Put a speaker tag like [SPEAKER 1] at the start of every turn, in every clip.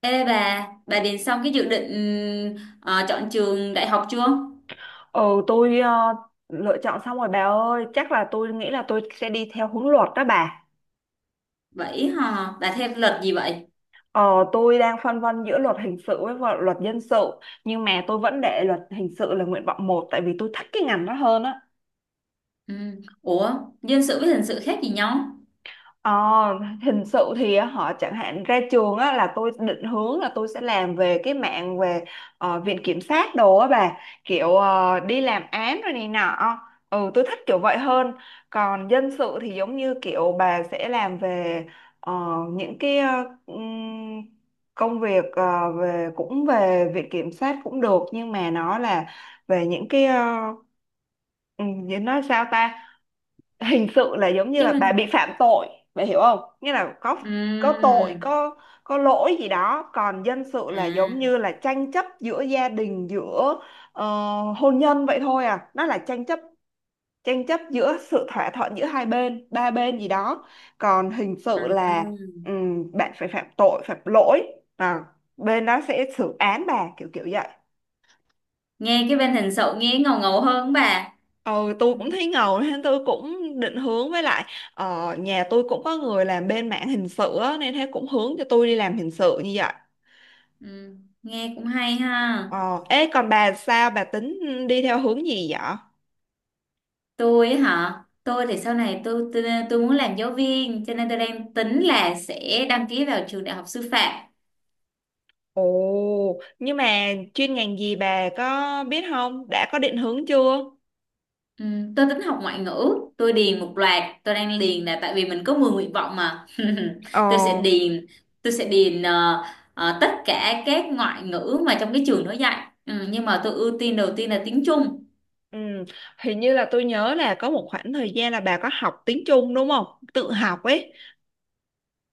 [SPEAKER 1] Ê bà điền xong cái dự định chọn trường đại học chưa?
[SPEAKER 2] Ừ, tôi ờ, Lựa chọn xong rồi bà ơi, chắc là tôi nghĩ là tôi sẽ đi theo hướng luật đó bà.
[SPEAKER 1] Vậy hả? Bà theo luật gì vậy?
[SPEAKER 2] Ờ, tôi đang phân vân giữa luật hình sự với luật dân sự, nhưng mà tôi vẫn để luật hình sự là nguyện vọng 1 tại vì tôi thích cái ngành đó hơn á.
[SPEAKER 1] Ừ. Ủa, dân sự với hình sự khác gì nhau?
[SPEAKER 2] Ờ, Hình sự thì họ chẳng hạn ra trường á, là tôi định hướng là tôi sẽ làm về cái mạng về viện kiểm sát đồ á bà, kiểu đi làm án rồi này nọ. Ừ, tôi thích kiểu vậy hơn. Còn dân sự thì giống như kiểu bà sẽ làm về ờ, những cái ừm, công việc về, cũng về viện kiểm sát cũng được nhưng mà nó là về những cái nói sao ta. Hình sự là giống như
[SPEAKER 1] Cái
[SPEAKER 2] là bà bị
[SPEAKER 1] bên...
[SPEAKER 2] phạm tội, bà hiểu không, nghĩa là có tội,
[SPEAKER 1] ừm,
[SPEAKER 2] có lỗi gì đó. Còn dân sự là
[SPEAKER 1] À,
[SPEAKER 2] giống như là tranh chấp giữa gia đình, giữa ờ, hôn nhân vậy thôi à, nó là tranh chấp, giữa sự thỏa thuận giữa hai bên ba bên gì đó. Còn hình sự
[SPEAKER 1] à.
[SPEAKER 2] là bạn phải phạm tội phạm lỗi, à, bên đó sẽ xử án bà, kiểu kiểu vậy.
[SPEAKER 1] Nghe cái bên hình sự nghe ngầu ngầu hơn bà.
[SPEAKER 2] Ừ, tôi cũng thấy ngầu nên tôi cũng định hướng, với lại nhà tôi cũng có người làm bên mảng hình sự á, nên thế cũng hướng cho tôi đi làm hình sự như vậy.
[SPEAKER 1] Ừ. Nghe cũng hay ha.
[SPEAKER 2] Ờ, ê còn bà sao, bà tính đi theo hướng gì vậy?
[SPEAKER 1] Tôi ấy hả? Tôi thì sau này tôi muốn làm giáo viên, cho nên tôi đang tính là sẽ đăng ký vào trường đại học sư phạm.
[SPEAKER 2] Ồ, nhưng mà chuyên ngành gì bà có biết không? Đã có định hướng chưa?
[SPEAKER 1] Ừ, tôi tính học ngoại ngữ, tôi điền một loạt, tôi đang điền là tại vì mình có 10 nguyện vọng mà.
[SPEAKER 2] Ờ,
[SPEAKER 1] Tôi sẽ điền, tôi sẽ điền tất cả các ngoại ngữ mà trong cái trường nó dạy. Ừ, nhưng mà tôi ưu tiên đầu tiên là tiếng Trung.
[SPEAKER 2] ừ, hình như là tôi nhớ là có một khoảng thời gian là bà có học tiếng Trung đúng không? Tự học ấy.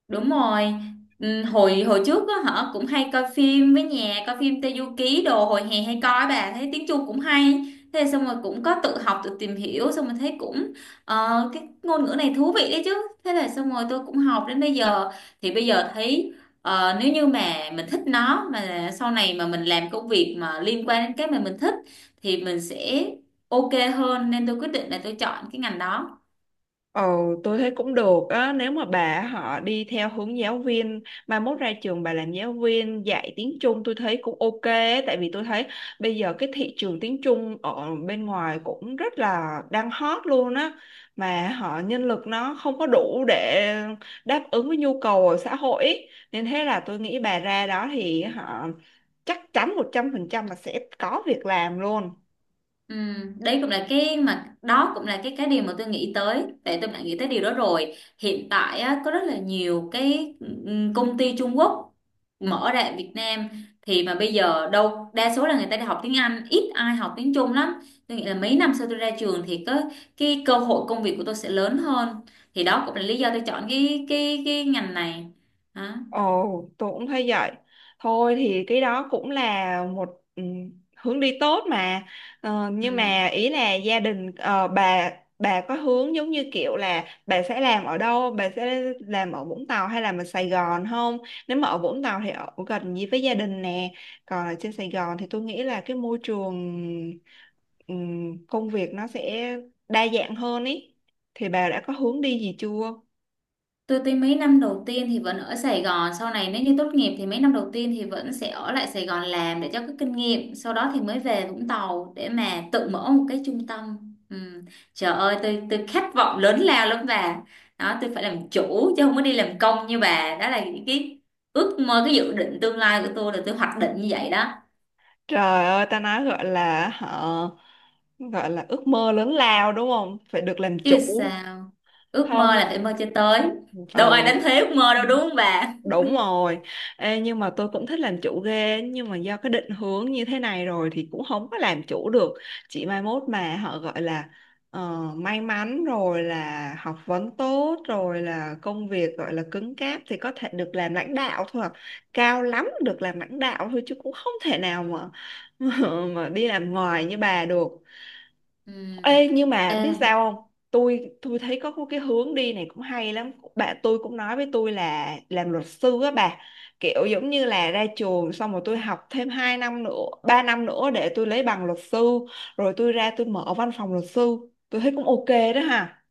[SPEAKER 1] Đúng rồi. Ừ, hồi hồi trước á hả cũng hay coi phim, với nhà coi phim Teyuki đồ hồi hè hay coi, bà thấy tiếng Trung cũng hay, thế xong rồi cũng có tự học tự tìm hiểu, xong rồi thấy cũng cái ngôn ngữ này thú vị đấy chứ. Thế là xong rồi tôi cũng học đến bây giờ, thì bây giờ thấy nếu như mà mình thích nó, mà sau này mà mình làm công việc mà liên quan đến cái mà mình thích, thì mình sẽ ok hơn, nên tôi quyết định là tôi chọn cái ngành đó.
[SPEAKER 2] Ồ, tôi thấy cũng được á, nếu mà bà họ đi theo hướng giáo viên, mai mốt ra trường bà làm giáo viên dạy tiếng Trung tôi thấy cũng ok á, tại vì tôi thấy bây giờ cái thị trường tiếng Trung ở bên ngoài cũng rất là đang hot luôn á, mà họ nhân lực nó không có đủ để đáp ứng với nhu cầu ở xã hội ý. Nên thế là tôi nghĩ bà ra đó thì họ chắc chắn 100% là sẽ có việc làm luôn.
[SPEAKER 1] Ừ, đấy cũng là cái mà đó cũng là cái điều mà tôi nghĩ tới, tại tôi đã nghĩ tới điều đó rồi. Hiện tại á, có rất là nhiều cái công ty Trung Quốc mở ra ở Việt Nam, thì mà bây giờ đâu đa số là người ta đi học tiếng Anh, ít ai học tiếng Trung lắm. Tôi nghĩ là mấy năm sau tôi ra trường thì có cái cơ hội công việc của tôi sẽ lớn hơn, thì đó cũng là lý do tôi chọn cái ngành này đó.
[SPEAKER 2] Ồ, tôi cũng thấy vậy. Thôi thì cái đó cũng là một hướng đi tốt mà. Nhưng
[SPEAKER 1] Ừ.
[SPEAKER 2] mà ý là gia đình bà có hướng giống như kiểu là bà sẽ làm ở đâu, bà sẽ làm ở Vũng Tàu hay là ở Sài Gòn không? Nếu mà ở Vũng Tàu thì ở gần gì với gia đình nè. Còn ở trên Sài Gòn thì tôi nghĩ là cái môi trường công việc nó sẽ đa dạng hơn ý. Thì bà đã có hướng đi gì chưa?
[SPEAKER 1] Tôi thấy mấy năm đầu tiên thì vẫn ở Sài Gòn, sau này nếu như tốt nghiệp thì mấy năm đầu tiên thì vẫn sẽ ở lại Sài Gòn làm để cho có kinh nghiệm, sau đó thì mới về Vũng Tàu để mà tự mở một cái trung tâm. Ừ. Trời ơi, tôi khát vọng lớn lao lắm bà. Đó, tôi phải làm chủ chứ không có đi làm công như bà. Đó là những cái ước mơ, cái dự định tương lai của tôi, là tôi hoạch định như vậy đó.
[SPEAKER 2] Trời ơi, ta nói, gọi là hả, gọi là ước mơ lớn lao đúng không, phải được làm
[SPEAKER 1] Chứ
[SPEAKER 2] chủ.
[SPEAKER 1] sao, ước mơ
[SPEAKER 2] Không
[SPEAKER 1] là phải mơ cho tới. Đâu
[SPEAKER 2] ờ
[SPEAKER 1] ai đánh thuế ước mơ đâu đúng không bà?
[SPEAKER 2] Đúng rồi. Ê, nhưng mà tôi cũng thích làm chủ ghê nhưng mà do cái định hướng như thế này rồi thì cũng không có làm chủ được. Chỉ mai mốt mà họ gọi là may mắn rồi, là học vấn tốt rồi, là công việc gọi là cứng cáp thì có thể được làm lãnh đạo thôi à. Cao lắm được làm lãnh đạo thôi chứ cũng không thể nào mà mà đi làm ngoài như bà được.
[SPEAKER 1] Ừ.
[SPEAKER 2] Ê, nhưng mà
[SPEAKER 1] Ê,
[SPEAKER 2] biết sao không? Tôi thấy có cái hướng đi này cũng hay lắm, bạn tôi cũng nói với tôi là làm luật sư á bà, kiểu giống như là ra trường xong rồi tôi học thêm 2 năm nữa 3 năm nữa để tôi lấy bằng luật sư rồi tôi ra tôi mở văn phòng luật sư, tôi thấy cũng ok đó ha.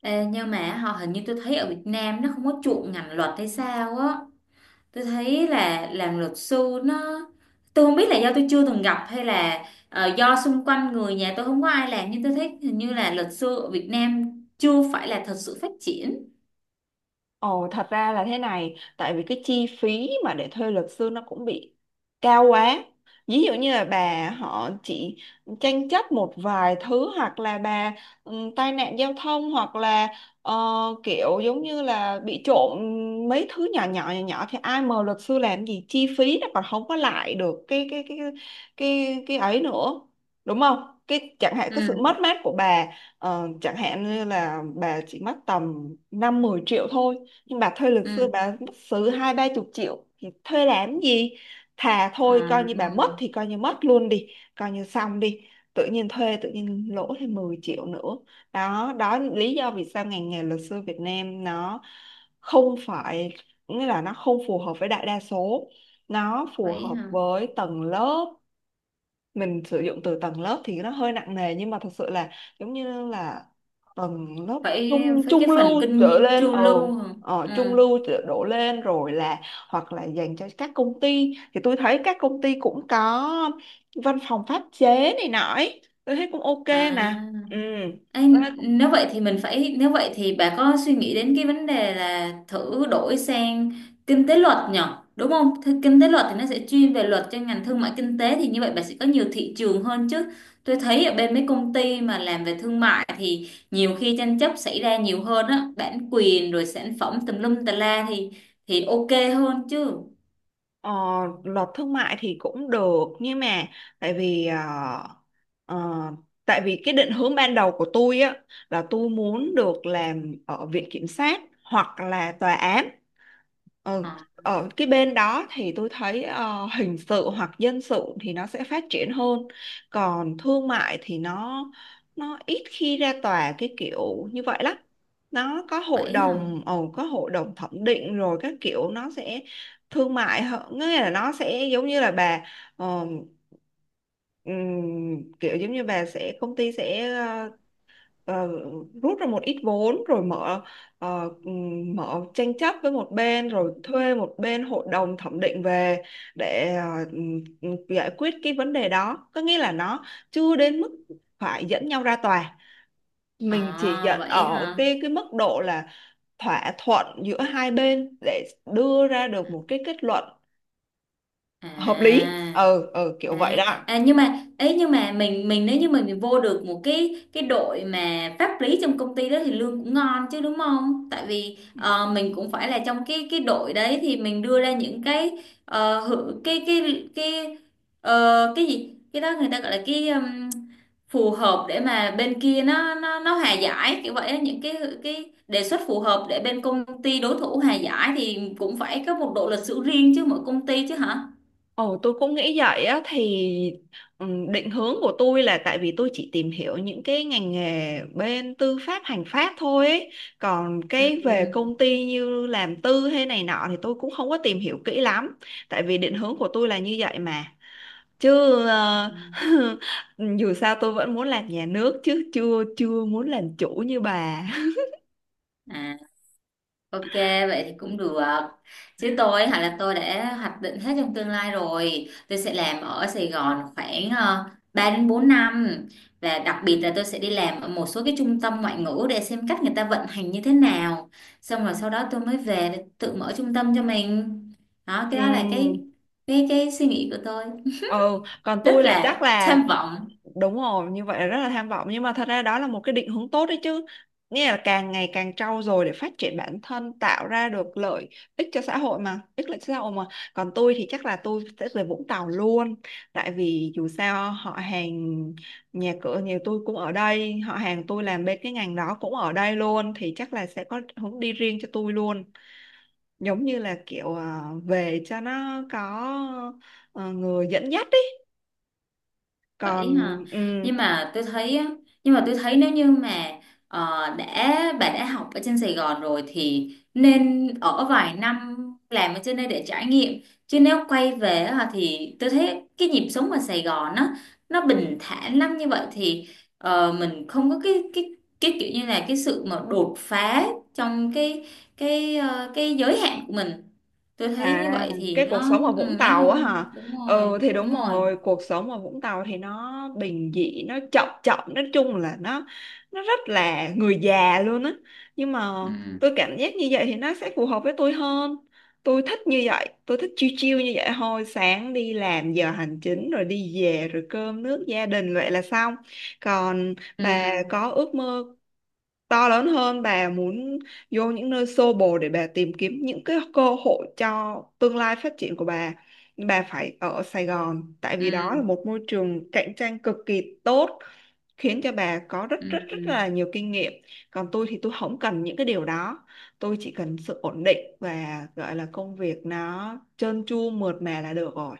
[SPEAKER 1] Ê, nhưng mà họ hình như tôi thấy ở Việt Nam nó không có chuộng ngành luật hay sao á, tôi thấy là làm luật sư nó, tôi không biết là do tôi chưa từng gặp hay là do xung quanh người nhà tôi không có ai làm, nhưng tôi thấy hình như là luật sư ở Việt Nam chưa phải là thật sự phát triển.
[SPEAKER 2] Ồ, thật ra là thế này, tại vì cái chi phí mà để thuê luật sư nó cũng bị cao quá. Ví dụ như là bà họ chỉ tranh chấp một vài thứ hoặc là bà tai nạn giao thông hoặc là ờ, kiểu giống như là bị trộm mấy thứ nhỏ nhỏ nhỏ nhỏ thì ai mời luật sư làm gì, chi phí nó còn không có lại được cái ấy nữa. Đúng không? Cái chẳng hạn cái sự
[SPEAKER 1] Ừ,
[SPEAKER 2] mất mát của bà chẳng hạn như là bà chỉ mất tầm 5-10 triệu thôi, nhưng bà thuê luật
[SPEAKER 1] ừ.
[SPEAKER 2] sư bà mất xứ 20-30 triệu thì thuê làm gì, thà thôi
[SPEAKER 1] Ờ,
[SPEAKER 2] coi như bà mất thì coi như mất luôn đi, coi như xong đi, tự nhiên thuê tự nhiên lỗ thêm 10 triệu nữa. Đó đó là lý do vì sao ngành nghề luật sư Việt Nam nó không phải, nghĩa là nó không phù hợp với đại đa số, nó phù
[SPEAKER 1] vậy
[SPEAKER 2] hợp
[SPEAKER 1] hả,
[SPEAKER 2] với tầng lớp, mình sử dụng từ tầng lớp thì nó hơi nặng nề nhưng mà thật sự là giống như là tầng lớp
[SPEAKER 1] phải
[SPEAKER 2] trung
[SPEAKER 1] phải, cái
[SPEAKER 2] trung
[SPEAKER 1] phần
[SPEAKER 2] lưu
[SPEAKER 1] kinh
[SPEAKER 2] trở
[SPEAKER 1] nghiệm
[SPEAKER 2] lên.
[SPEAKER 1] chu
[SPEAKER 2] Ừ,
[SPEAKER 1] lưu hả? Ừ,
[SPEAKER 2] trung lưu đổ lên rồi, là hoặc là dành cho các công ty thì tôi thấy các công ty cũng có văn phòng pháp chế này nọ ấy. Tôi thấy cũng ok
[SPEAKER 1] à.
[SPEAKER 2] mà ừ.
[SPEAKER 1] Ê,
[SPEAKER 2] Tôi thấy cũng-
[SPEAKER 1] nếu vậy thì bà có suy nghĩ đến cái vấn đề là thử đổi sang kinh tế luật nhở, đúng không? Thế kinh tế luật thì nó sẽ chuyên về luật cho ngành thương mại kinh tế, thì như vậy bà sẽ có nhiều thị trường hơn chứ. Tôi thấy ở bên mấy công ty mà làm về thương mại thì nhiều khi tranh chấp xảy ra nhiều hơn á, bản quyền rồi sản phẩm tùm lum tà la, thì ok hơn chứ.
[SPEAKER 2] ờ, luật thương mại thì cũng được nhưng mà tại vì ờ, tại vì cái định hướng ban đầu của tôi á là tôi muốn được làm ở viện kiểm sát hoặc là tòa án. Ừ.
[SPEAKER 1] Ờ,
[SPEAKER 2] Ở cái bên đó thì tôi thấy hình sự hoặc dân sự thì nó sẽ phát triển hơn, còn thương mại thì nó ít khi ra tòa cái kiểu như vậy lắm. Nó có hội
[SPEAKER 1] vậy hả.
[SPEAKER 2] đồng có hội đồng thẩm định rồi các kiểu, nó sẽ thương mại hơn, nghĩa là nó sẽ giống như là bà ờ, kiểu giống như bà sẽ, công ty sẽ ờ, rút ra một ít vốn rồi mở mở tranh chấp với một bên rồi thuê một bên hội đồng thẩm định về để giải quyết cái vấn đề đó, có nghĩa là nó chưa đến mức phải dẫn nhau ra tòa, mình chỉ
[SPEAKER 1] À,
[SPEAKER 2] dẫn
[SPEAKER 1] vậy
[SPEAKER 2] ở
[SPEAKER 1] hả.
[SPEAKER 2] cái mức độ là thỏa thuận giữa hai bên để đưa ra được một cái kết luận hợp lý.
[SPEAKER 1] À,
[SPEAKER 2] Ừ ừ kiểu vậy
[SPEAKER 1] À,
[SPEAKER 2] đó.
[SPEAKER 1] à, nhưng mà ấy, nhưng mà mình nếu như mình vô được một cái đội mà pháp lý trong công ty đó thì lương cũng ngon chứ, đúng không? Tại vì mình cũng phải là trong cái đội đấy thì mình đưa ra những cái ờ, hự- cái ờ, cái gì, cái đó người ta gọi là cái phù hợp để mà bên kia nó hòa giải kiểu vậy á, những cái đề xuất phù hợp để bên công ty đối thủ hòa giải, thì cũng phải có một bộ luật sư riêng chứ, mỗi công ty chứ hả?
[SPEAKER 2] Ồ, tôi cũng nghĩ vậy á thì định hướng của tôi là tại vì tôi chỉ tìm hiểu những cái ngành nghề bên tư pháp hành pháp thôi ấy. Còn cái về công ty như làm tư hay này nọ thì tôi cũng không có tìm hiểu kỹ lắm, tại vì định hướng của tôi là như vậy mà chứ
[SPEAKER 1] Ừ.
[SPEAKER 2] ờ, dù sao tôi vẫn muốn làm nhà nước chứ chưa chưa muốn làm chủ như bà.
[SPEAKER 1] À, ok, vậy thì cũng được. Chứ tôi hả, là tôi đã hoạch định hết trong tương lai rồi. Tôi sẽ làm ở Sài Gòn khoảng 3 đến 4 năm. Và đặc biệt là tôi sẽ đi làm ở một số cái trung tâm ngoại ngữ để xem cách người ta vận hành như thế nào. Xong rồi sau đó tôi mới về để tự mở trung tâm cho mình. Đó, cái đó là
[SPEAKER 2] Ừ.
[SPEAKER 1] cái suy nghĩ của tôi.
[SPEAKER 2] ừ Còn
[SPEAKER 1] Rất
[SPEAKER 2] tôi là
[SPEAKER 1] là
[SPEAKER 2] chắc là
[SPEAKER 1] tham vọng.
[SPEAKER 2] đúng rồi, như vậy là rất là tham vọng nhưng mà thật ra đó là một cái định hướng tốt đấy chứ, nghĩa là càng ngày càng trau dồi để phát triển bản thân, tạo ra được lợi ích cho xã hội mà, ích lợi cho xã hội mà. Còn tôi thì chắc là tôi sẽ về Vũng Tàu luôn, tại vì dù sao họ hàng nhà cửa nhà tôi cũng ở đây, họ hàng tôi làm bên cái ngành đó cũng ở đây luôn thì chắc là sẽ có hướng đi riêng cho tôi luôn, giống như là kiểu à, về cho nó có người dẫn dắt.
[SPEAKER 1] Vậy
[SPEAKER 2] Còn
[SPEAKER 1] hả? Nhưng mà tôi thấy á, nhưng mà tôi thấy nếu như mà ờ, đã bà đã học ở trên Sài Gòn rồi thì nên ở vài năm làm ở trên đây để trải nghiệm. Chứ nếu quay về á, thì tôi thấy cái nhịp sống ở Sài Gòn á, nó bình thản lắm, như vậy thì mình không có cái kiểu như là cái sự mà đột phá trong cái giới hạn của mình. Tôi thấy như
[SPEAKER 2] à
[SPEAKER 1] vậy thì
[SPEAKER 2] cái
[SPEAKER 1] nó
[SPEAKER 2] cuộc sống ở Vũng
[SPEAKER 1] nó
[SPEAKER 2] Tàu á hả,
[SPEAKER 1] không, đúng rồi,
[SPEAKER 2] ừ thì
[SPEAKER 1] đúng
[SPEAKER 2] đúng
[SPEAKER 1] rồi.
[SPEAKER 2] rồi, cuộc sống ở Vũng Tàu thì nó bình dị, nó chậm chậm, nói chung là nó rất là người già luôn á. Nhưng mà
[SPEAKER 1] Ừ.
[SPEAKER 2] tôi cảm giác như vậy thì nó sẽ phù hợp với tôi hơn, tôi thích như vậy, tôi thích chill chill như vậy thôi, sáng đi làm giờ hành chính rồi đi về rồi cơm nước gia đình vậy là xong. Còn bà
[SPEAKER 1] Ừ.
[SPEAKER 2] có ước mơ to lớn hơn, bà muốn vô những nơi xô bồ để bà tìm kiếm những cái cơ hội cho tương lai phát triển của bà. Nhưng bà phải ở Sài Gòn tại vì đó là
[SPEAKER 1] Ừ,
[SPEAKER 2] một môi trường cạnh tranh cực kỳ tốt, khiến cho bà có rất
[SPEAKER 1] ừ.
[SPEAKER 2] rất rất là nhiều kinh nghiệm. Còn tôi thì tôi không cần những cái điều đó, tôi chỉ cần sự ổn định và gọi là công việc nó trơn tru mượt mà là được rồi.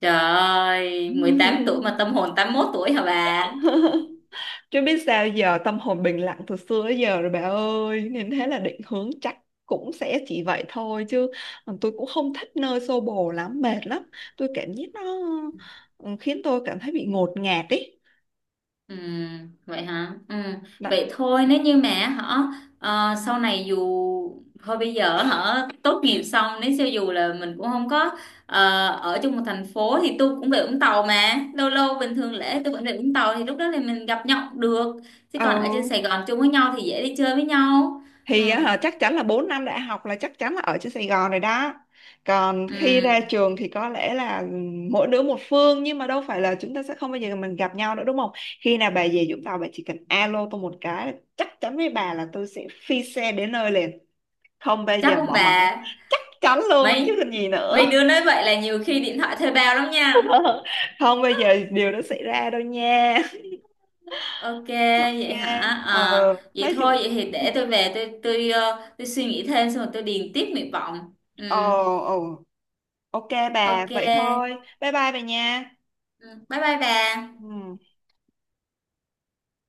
[SPEAKER 1] Trời ơi, 18 tuổi mà tâm hồn 81 tuổi hả bà?
[SPEAKER 2] Chứ biết sao giờ, tâm hồn bình lặng từ xưa tới giờ rồi bà ơi. Nên thế là định hướng chắc cũng sẽ chỉ vậy thôi. Chứ còn tôi cũng không thích nơi xô bồ lắm, mệt lắm. Tôi cảm giác nó khiến tôi cảm thấy bị ngột ngạt ý.
[SPEAKER 1] Ừ, vậy hả? Ừ.
[SPEAKER 2] Đó.
[SPEAKER 1] Vậy thôi, nếu như mà họ ờ, sau này dù thôi bây giờ họ tốt nghiệp xong, nếu cho dù là mình cũng không có ở chung một thành phố thì tôi cũng về Vũng Tàu mà, lâu lâu bình thường lễ tôi vẫn về Vũng Tàu, thì lúc đó thì mình gặp nhau cũng được, chứ còn ở trên
[SPEAKER 2] Ừ,
[SPEAKER 1] Sài Gòn chung với nhau thì dễ đi chơi với nhau. Ừ.
[SPEAKER 2] thì á chắc chắn là 4 năm đại học là chắc chắn là ở trên Sài Gòn rồi đó. Còn khi ra
[SPEAKER 1] Ừ.
[SPEAKER 2] trường thì có lẽ là mỗi đứa một phương, nhưng mà đâu phải là chúng ta sẽ không bao giờ mình gặp nhau nữa đúng không. Khi nào bà về Vũng Tàu bà chỉ cần alo tôi một cái là chắc chắn với bà là tôi sẽ phi xe đến nơi liền, không bao
[SPEAKER 1] Chắc
[SPEAKER 2] giờ
[SPEAKER 1] không
[SPEAKER 2] bỏ mặc.
[SPEAKER 1] bà?
[SPEAKER 2] Chắc chắn luôn chứ
[SPEAKER 1] mấy
[SPEAKER 2] còn gì nữa.
[SPEAKER 1] mấy đứa nói vậy là nhiều khi điện thoại thuê bao lắm nha.
[SPEAKER 2] Không bao giờ điều đó xảy ra đâu nha.
[SPEAKER 1] Ok.
[SPEAKER 2] Ok.
[SPEAKER 1] Vậy hả? À,
[SPEAKER 2] ờ,
[SPEAKER 1] vậy
[SPEAKER 2] nói
[SPEAKER 1] thôi,
[SPEAKER 2] chung,
[SPEAKER 1] vậy thì
[SPEAKER 2] ừ.
[SPEAKER 1] để tôi về tôi tôi suy nghĩ thêm, xong rồi tôi điền tiếp nguyện vọng. Ừ.
[SPEAKER 2] Ồ. Ồ. Ok bà, vậy thôi.
[SPEAKER 1] Ok.
[SPEAKER 2] Bye bye bà nha.
[SPEAKER 1] Ừ, bye bye bà.
[SPEAKER 2] Ừ.